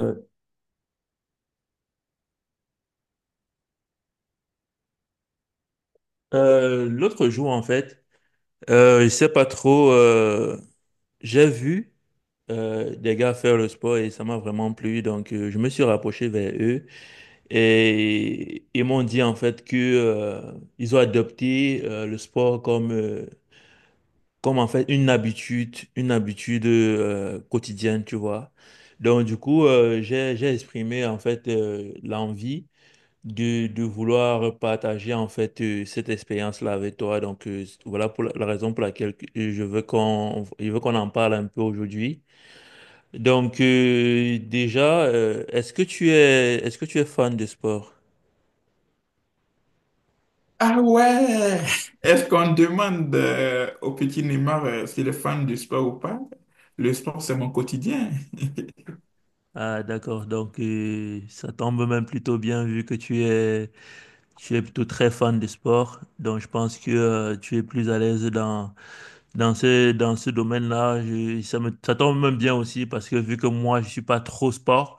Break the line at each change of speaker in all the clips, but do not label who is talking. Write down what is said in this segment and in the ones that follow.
Euh, l'autre jour, en fait, je sais pas trop, j'ai vu des gars faire le sport et ça m'a vraiment plu. Donc, je me suis rapproché vers eux et ils m'ont dit, en fait, que ils ont adopté le sport comme, en fait, une habitude, une habitude quotidienne, tu vois. Donc, du coup, j'ai exprimé, en fait, l'envie de vouloir partager en fait cette expérience-là avec toi. Donc voilà pour la raison pour laquelle je veux qu'on en parle un peu aujourd'hui. Donc déjà, est-ce que tu es fan de sport?
Ah ouais! Est-ce qu'on demande au petit Neymar s'il est fan du sport ou pas? Le sport, c'est mon quotidien.
Ah d'accord, donc ça tombe même plutôt bien vu que tu es plutôt très fan de sport. Donc je pense que tu es plus à l'aise dans ce domaine-là. Ça me ça tombe même bien aussi parce que vu que moi je suis pas trop sport.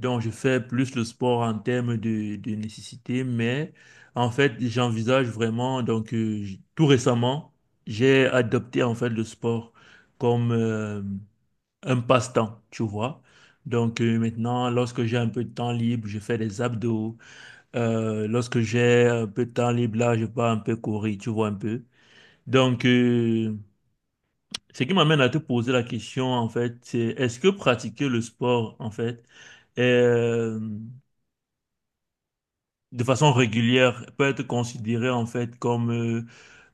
Donc, je fais plus le sport en termes de nécessité, mais en fait, j'envisage vraiment, donc tout récemment, j'ai adopté en fait le sport comme un passe-temps, tu vois. Donc maintenant, lorsque j'ai un peu de temps libre, je fais des abdos. Lorsque j'ai un peu de temps libre, là, je pars un peu courir, tu vois un peu. Donc, ce qui m'amène à te poser la question, en fait, c'est est-ce que pratiquer le sport, en fait, euh, de façon régulière peut être considéré en fait comme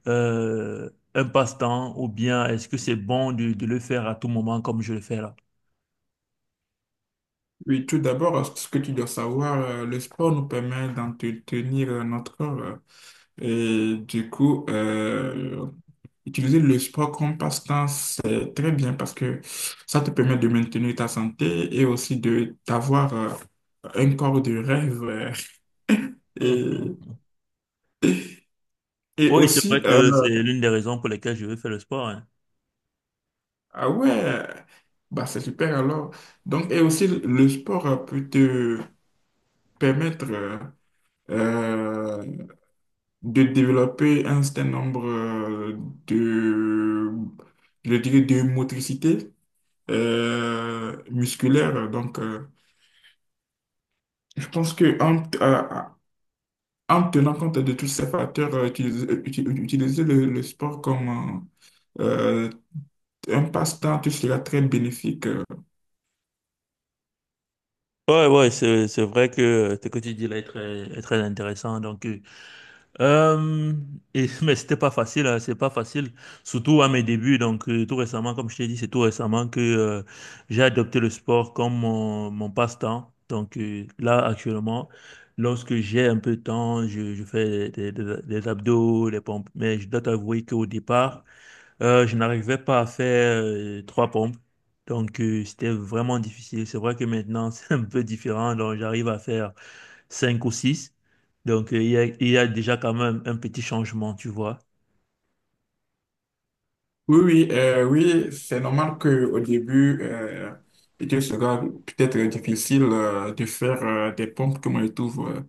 euh, un passe-temps ou bien est-ce que c'est bon de le faire à tout moment comme je le fais là?
Oui, tout d'abord, ce que tu dois savoir, le sport nous permet d'entretenir notre corps. Et du coup, utiliser le sport comme passe-temps, c'est très bien parce que ça te permet de maintenir ta santé et aussi de d'avoir un corps de rêve. Euh, et
Oui, c'est
aussi,
vrai que c'est l'une des raisons pour lesquelles je veux faire le sport, hein.
ah ouais, bah c'est super alors. Donc, et aussi, le sport peut te permettre euh, de développer un certain nombre de, je dirais, de motricité musculaire. Donc, je pense que en tenant compte de tous ces facteurs, utiliser, utiliser le sport comme euh, euh, un passe-temps, tout sera très bénéfique.
Ouais, ouais, c'est vrai que ce que tu dis là est très intéressant. Donc, Euh, et, mais c'était pas facile, hein, c'est pas facile, surtout à mes débuts. Donc, tout récemment, comme je t'ai dit, c'est tout récemment que j'ai adopté le sport comme mon passe-temps. Donc, là, actuellement, lorsque j'ai un peu de temps, je fais des abdos, des pompes. Mais je dois t'avouer qu'au départ, je n'arrivais pas à faire trois pompes. Donc, c'était vraiment difficile. C'est vrai que maintenant, c'est un peu différent. Donc, j'arrive à faire cinq ou six. Donc, il y a déjà quand même un petit changement, tu vois.
Oui, oui, oui, c'est normal que au début, il sera peut-être difficile de faire des pompes, comme je trouve euh,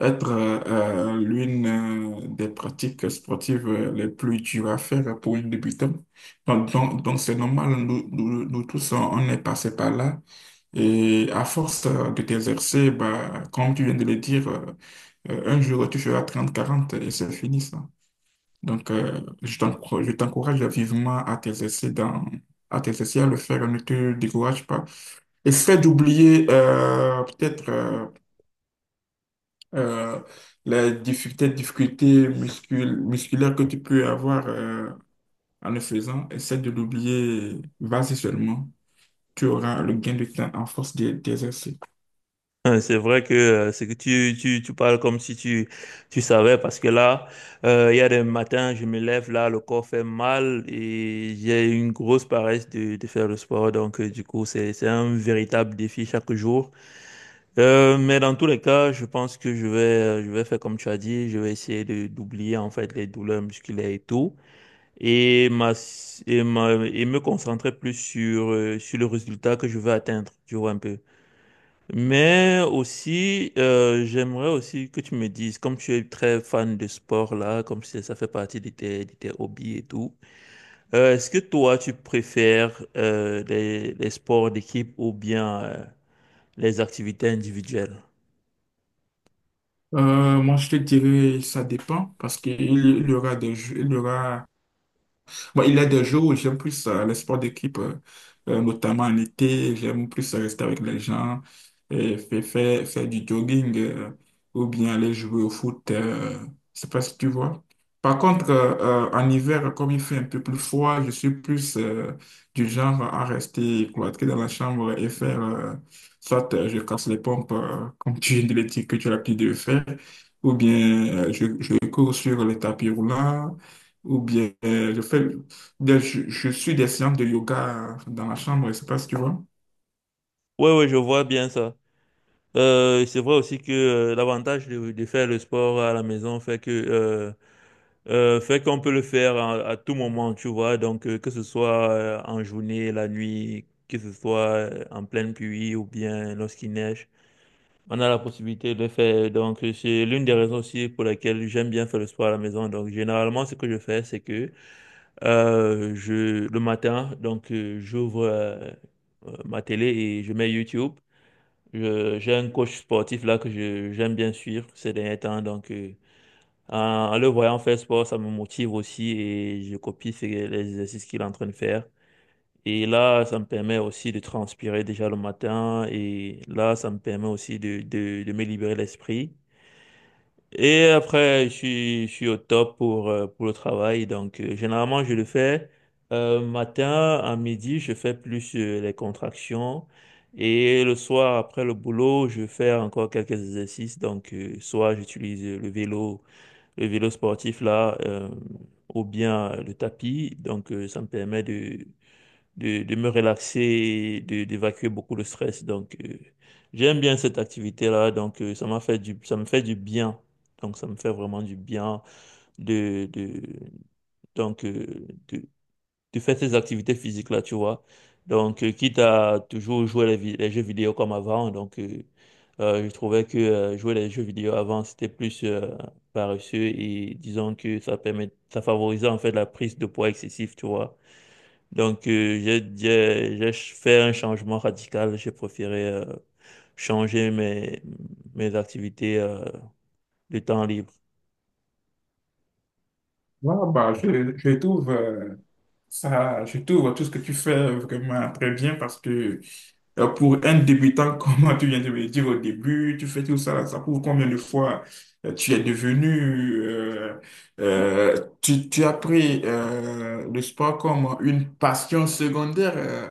être euh, euh, l'une des pratiques sportives les plus dures à faire pour un débutant. Donc c'est normal, nous tous, on est passé par là. Et à force de t'exercer, bah, comme tu viens de le dire, un jour tu feras 30 40 et c'est fini ça. Donc, je t'encourage vivement à à t'exercer à le faire, ne te décourage pas. Essaie d'oublier peut-être euh, les difficultés musculaires que tu peux avoir en le faisant. Essaie de l'oublier. Vas-y seulement. Tu auras le gain de temps en force d'exercer.
Hein, c'est vrai que c'est que tu parles comme si tu savais, parce que là, il y a des matins, je me lève, là, le corps fait mal et j'ai une grosse paresse de faire le sport. Donc, du coup, c'est un véritable défi chaque jour. Mais dans tous les cas, je pense que je vais faire comme tu as dit, je vais essayer d'oublier en fait les douleurs musculaires et tout et, ma- et me concentrer plus sur, sur le résultat que je veux atteindre, tu vois un peu. Mais aussi, j'aimerais aussi que tu me dises, comme tu es très fan de sport là, ça fait partie de de tes hobbies et tout, est-ce que toi tu préfères les sports d'équipe ou bien les activités individuelles?
Moi, je te dirais, ça dépend parce qu'il y aura il y aura bon, il y a des jours où j'aime plus les sports d'équipe, notamment en été. J'aime plus rester avec les gens et faire du jogging ou bien aller jouer au foot. Je sais pas si tu vois. Par contre, en hiver, comme il fait un peu plus froid, je suis plus du genre à rester cloîtré dans la chambre et faire soit je casse les pompes, comme tu viens de le dire que tu as l'habitude de faire, ou bien je cours sur les tapis roulants ou bien je fais je suis des séances de yoga dans la chambre, je sais pas si tu vois.
Oui, oui, je vois bien ça. C'est vrai aussi que l'avantage de faire le sport à la maison fait que fait qu'on peut le faire à tout moment, tu vois. Donc, que ce soit en journée, la nuit, que ce soit en pleine pluie ou bien lorsqu'il neige, on a la possibilité de le faire. Donc, c'est l'une des raisons aussi pour laquelle j'aime bien faire le sport à la maison. Donc, généralement, ce que je fais, c'est que le matin, donc, j'ouvre ma télé et je mets YouTube. J'ai un coach sportif là que je j'aime bien suivre ces derniers temps. Donc, en le voyant faire sport, ça me motive aussi et je copie les exercices qu'il est en train de faire. Et là, ça me permet aussi de transpirer déjà le matin et là, ça me permet aussi de me libérer l'esprit. Et après, je suis au top pour le travail. Donc, généralement, je le fais matin, à midi, je fais plus les contractions. Et le soir, après le boulot, je fais encore quelques exercices. Donc, soit j'utilise le vélo sportif là, ou bien le tapis. Donc, ça me permet de me relaxer, et d'évacuer beaucoup le stress. Donc, j'aime bien cette activité-là. Donc, ça me fait du bien. Donc, ça me fait vraiment du bien de, de, donc, euh, de, tu fais ces activités physiques-là, tu vois. Donc, quitte à toujours jouer les jeux vidéo comme avant, donc je trouvais que jouer les jeux vidéo avant, c'était plus paresseux et disons que ça favorisait en fait la prise de poids excessif, tu vois. Donc, j'ai fait un changement radical, j'ai préféré changer mes activités de temps libre.
Ouais, bah, je trouve je trouve tout ce que tu fais vraiment très bien parce que pour un débutant, comme tu viens de me le dire au début, tu fais tout ça, ça prouve combien de fois tu es devenu, euh, euh, tu, tu as pris le sport comme une passion secondaire,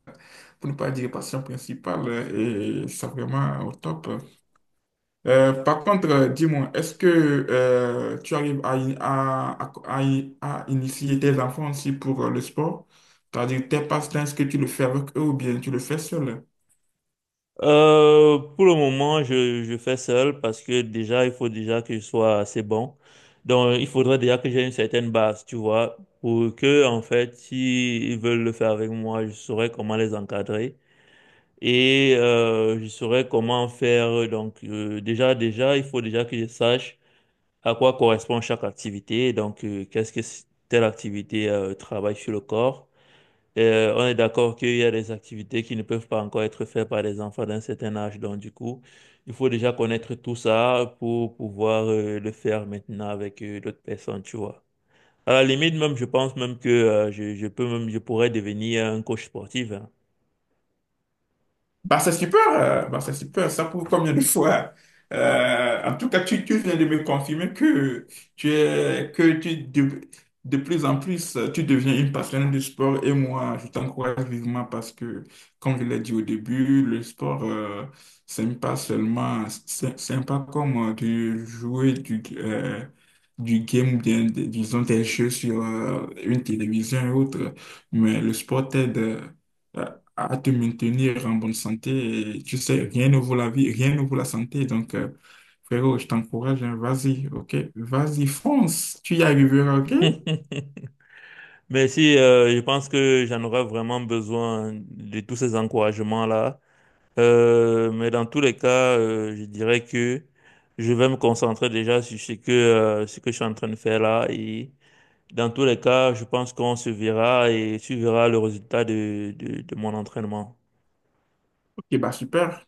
pour ne pas dire passion principale, et c'est vraiment au top. Par contre, dis-moi, est-ce que tu arrives à in- à initier tes enfants aussi pour le sport? C'est-à-dire tes passe-temps, est-ce que tu le fais avec eux ou bien tu le fais seul?
Pour le moment, je fais seul parce que déjà, il faut déjà que je sois assez bon. Donc, il faudrait déjà que j'ai une certaine base, tu vois, pour que, en fait, s'ils veulent le faire avec moi, je saurais comment les encadrer et je saurais comment faire. Donc, déjà, il faut déjà que je sache à quoi correspond chaque activité. Donc, telle activité travaille sur le corps? On est d'accord qu'il y a des activités qui ne peuvent pas encore être faites par les enfants d'un certain âge. Donc, du coup, il faut déjà connaître tout ça pour pouvoir le faire maintenant avec d'autres personnes, tu vois. À la limite, même, je pense même que je peux même, je pourrais devenir un coach sportif, hein.
Bah, c'est super, bah, c'est super. Ça prouve combien de fois. En tout cas, tu viens de me confirmer que tu es, que tu de plus en plus, tu deviens une passionnée du sport. Et moi, je t'encourage vivement parce que, comme je l'ai dit au début, le sport, c'est pas comme de jouer du game, ou bien, disons, des jeux sur une télévision et autres. Mais le sport t'aide à te maintenir en bonne santé. Et tu sais, rien ne vaut la vie, rien ne vaut la santé. Donc, frérot, je t'encourage, hein, vas-y, ok? Vas-y, fonce, tu y arriveras, ok?
Mais si, je pense que j'en aurais vraiment besoin de tous ces encouragements-là. Mais dans tous les cas, je dirais que je vais me concentrer déjà sur ce que je suis en train de faire là. Et dans tous les cas, je pense qu'on se verra et suivra le résultat de mon entraînement.
Ok, bah super.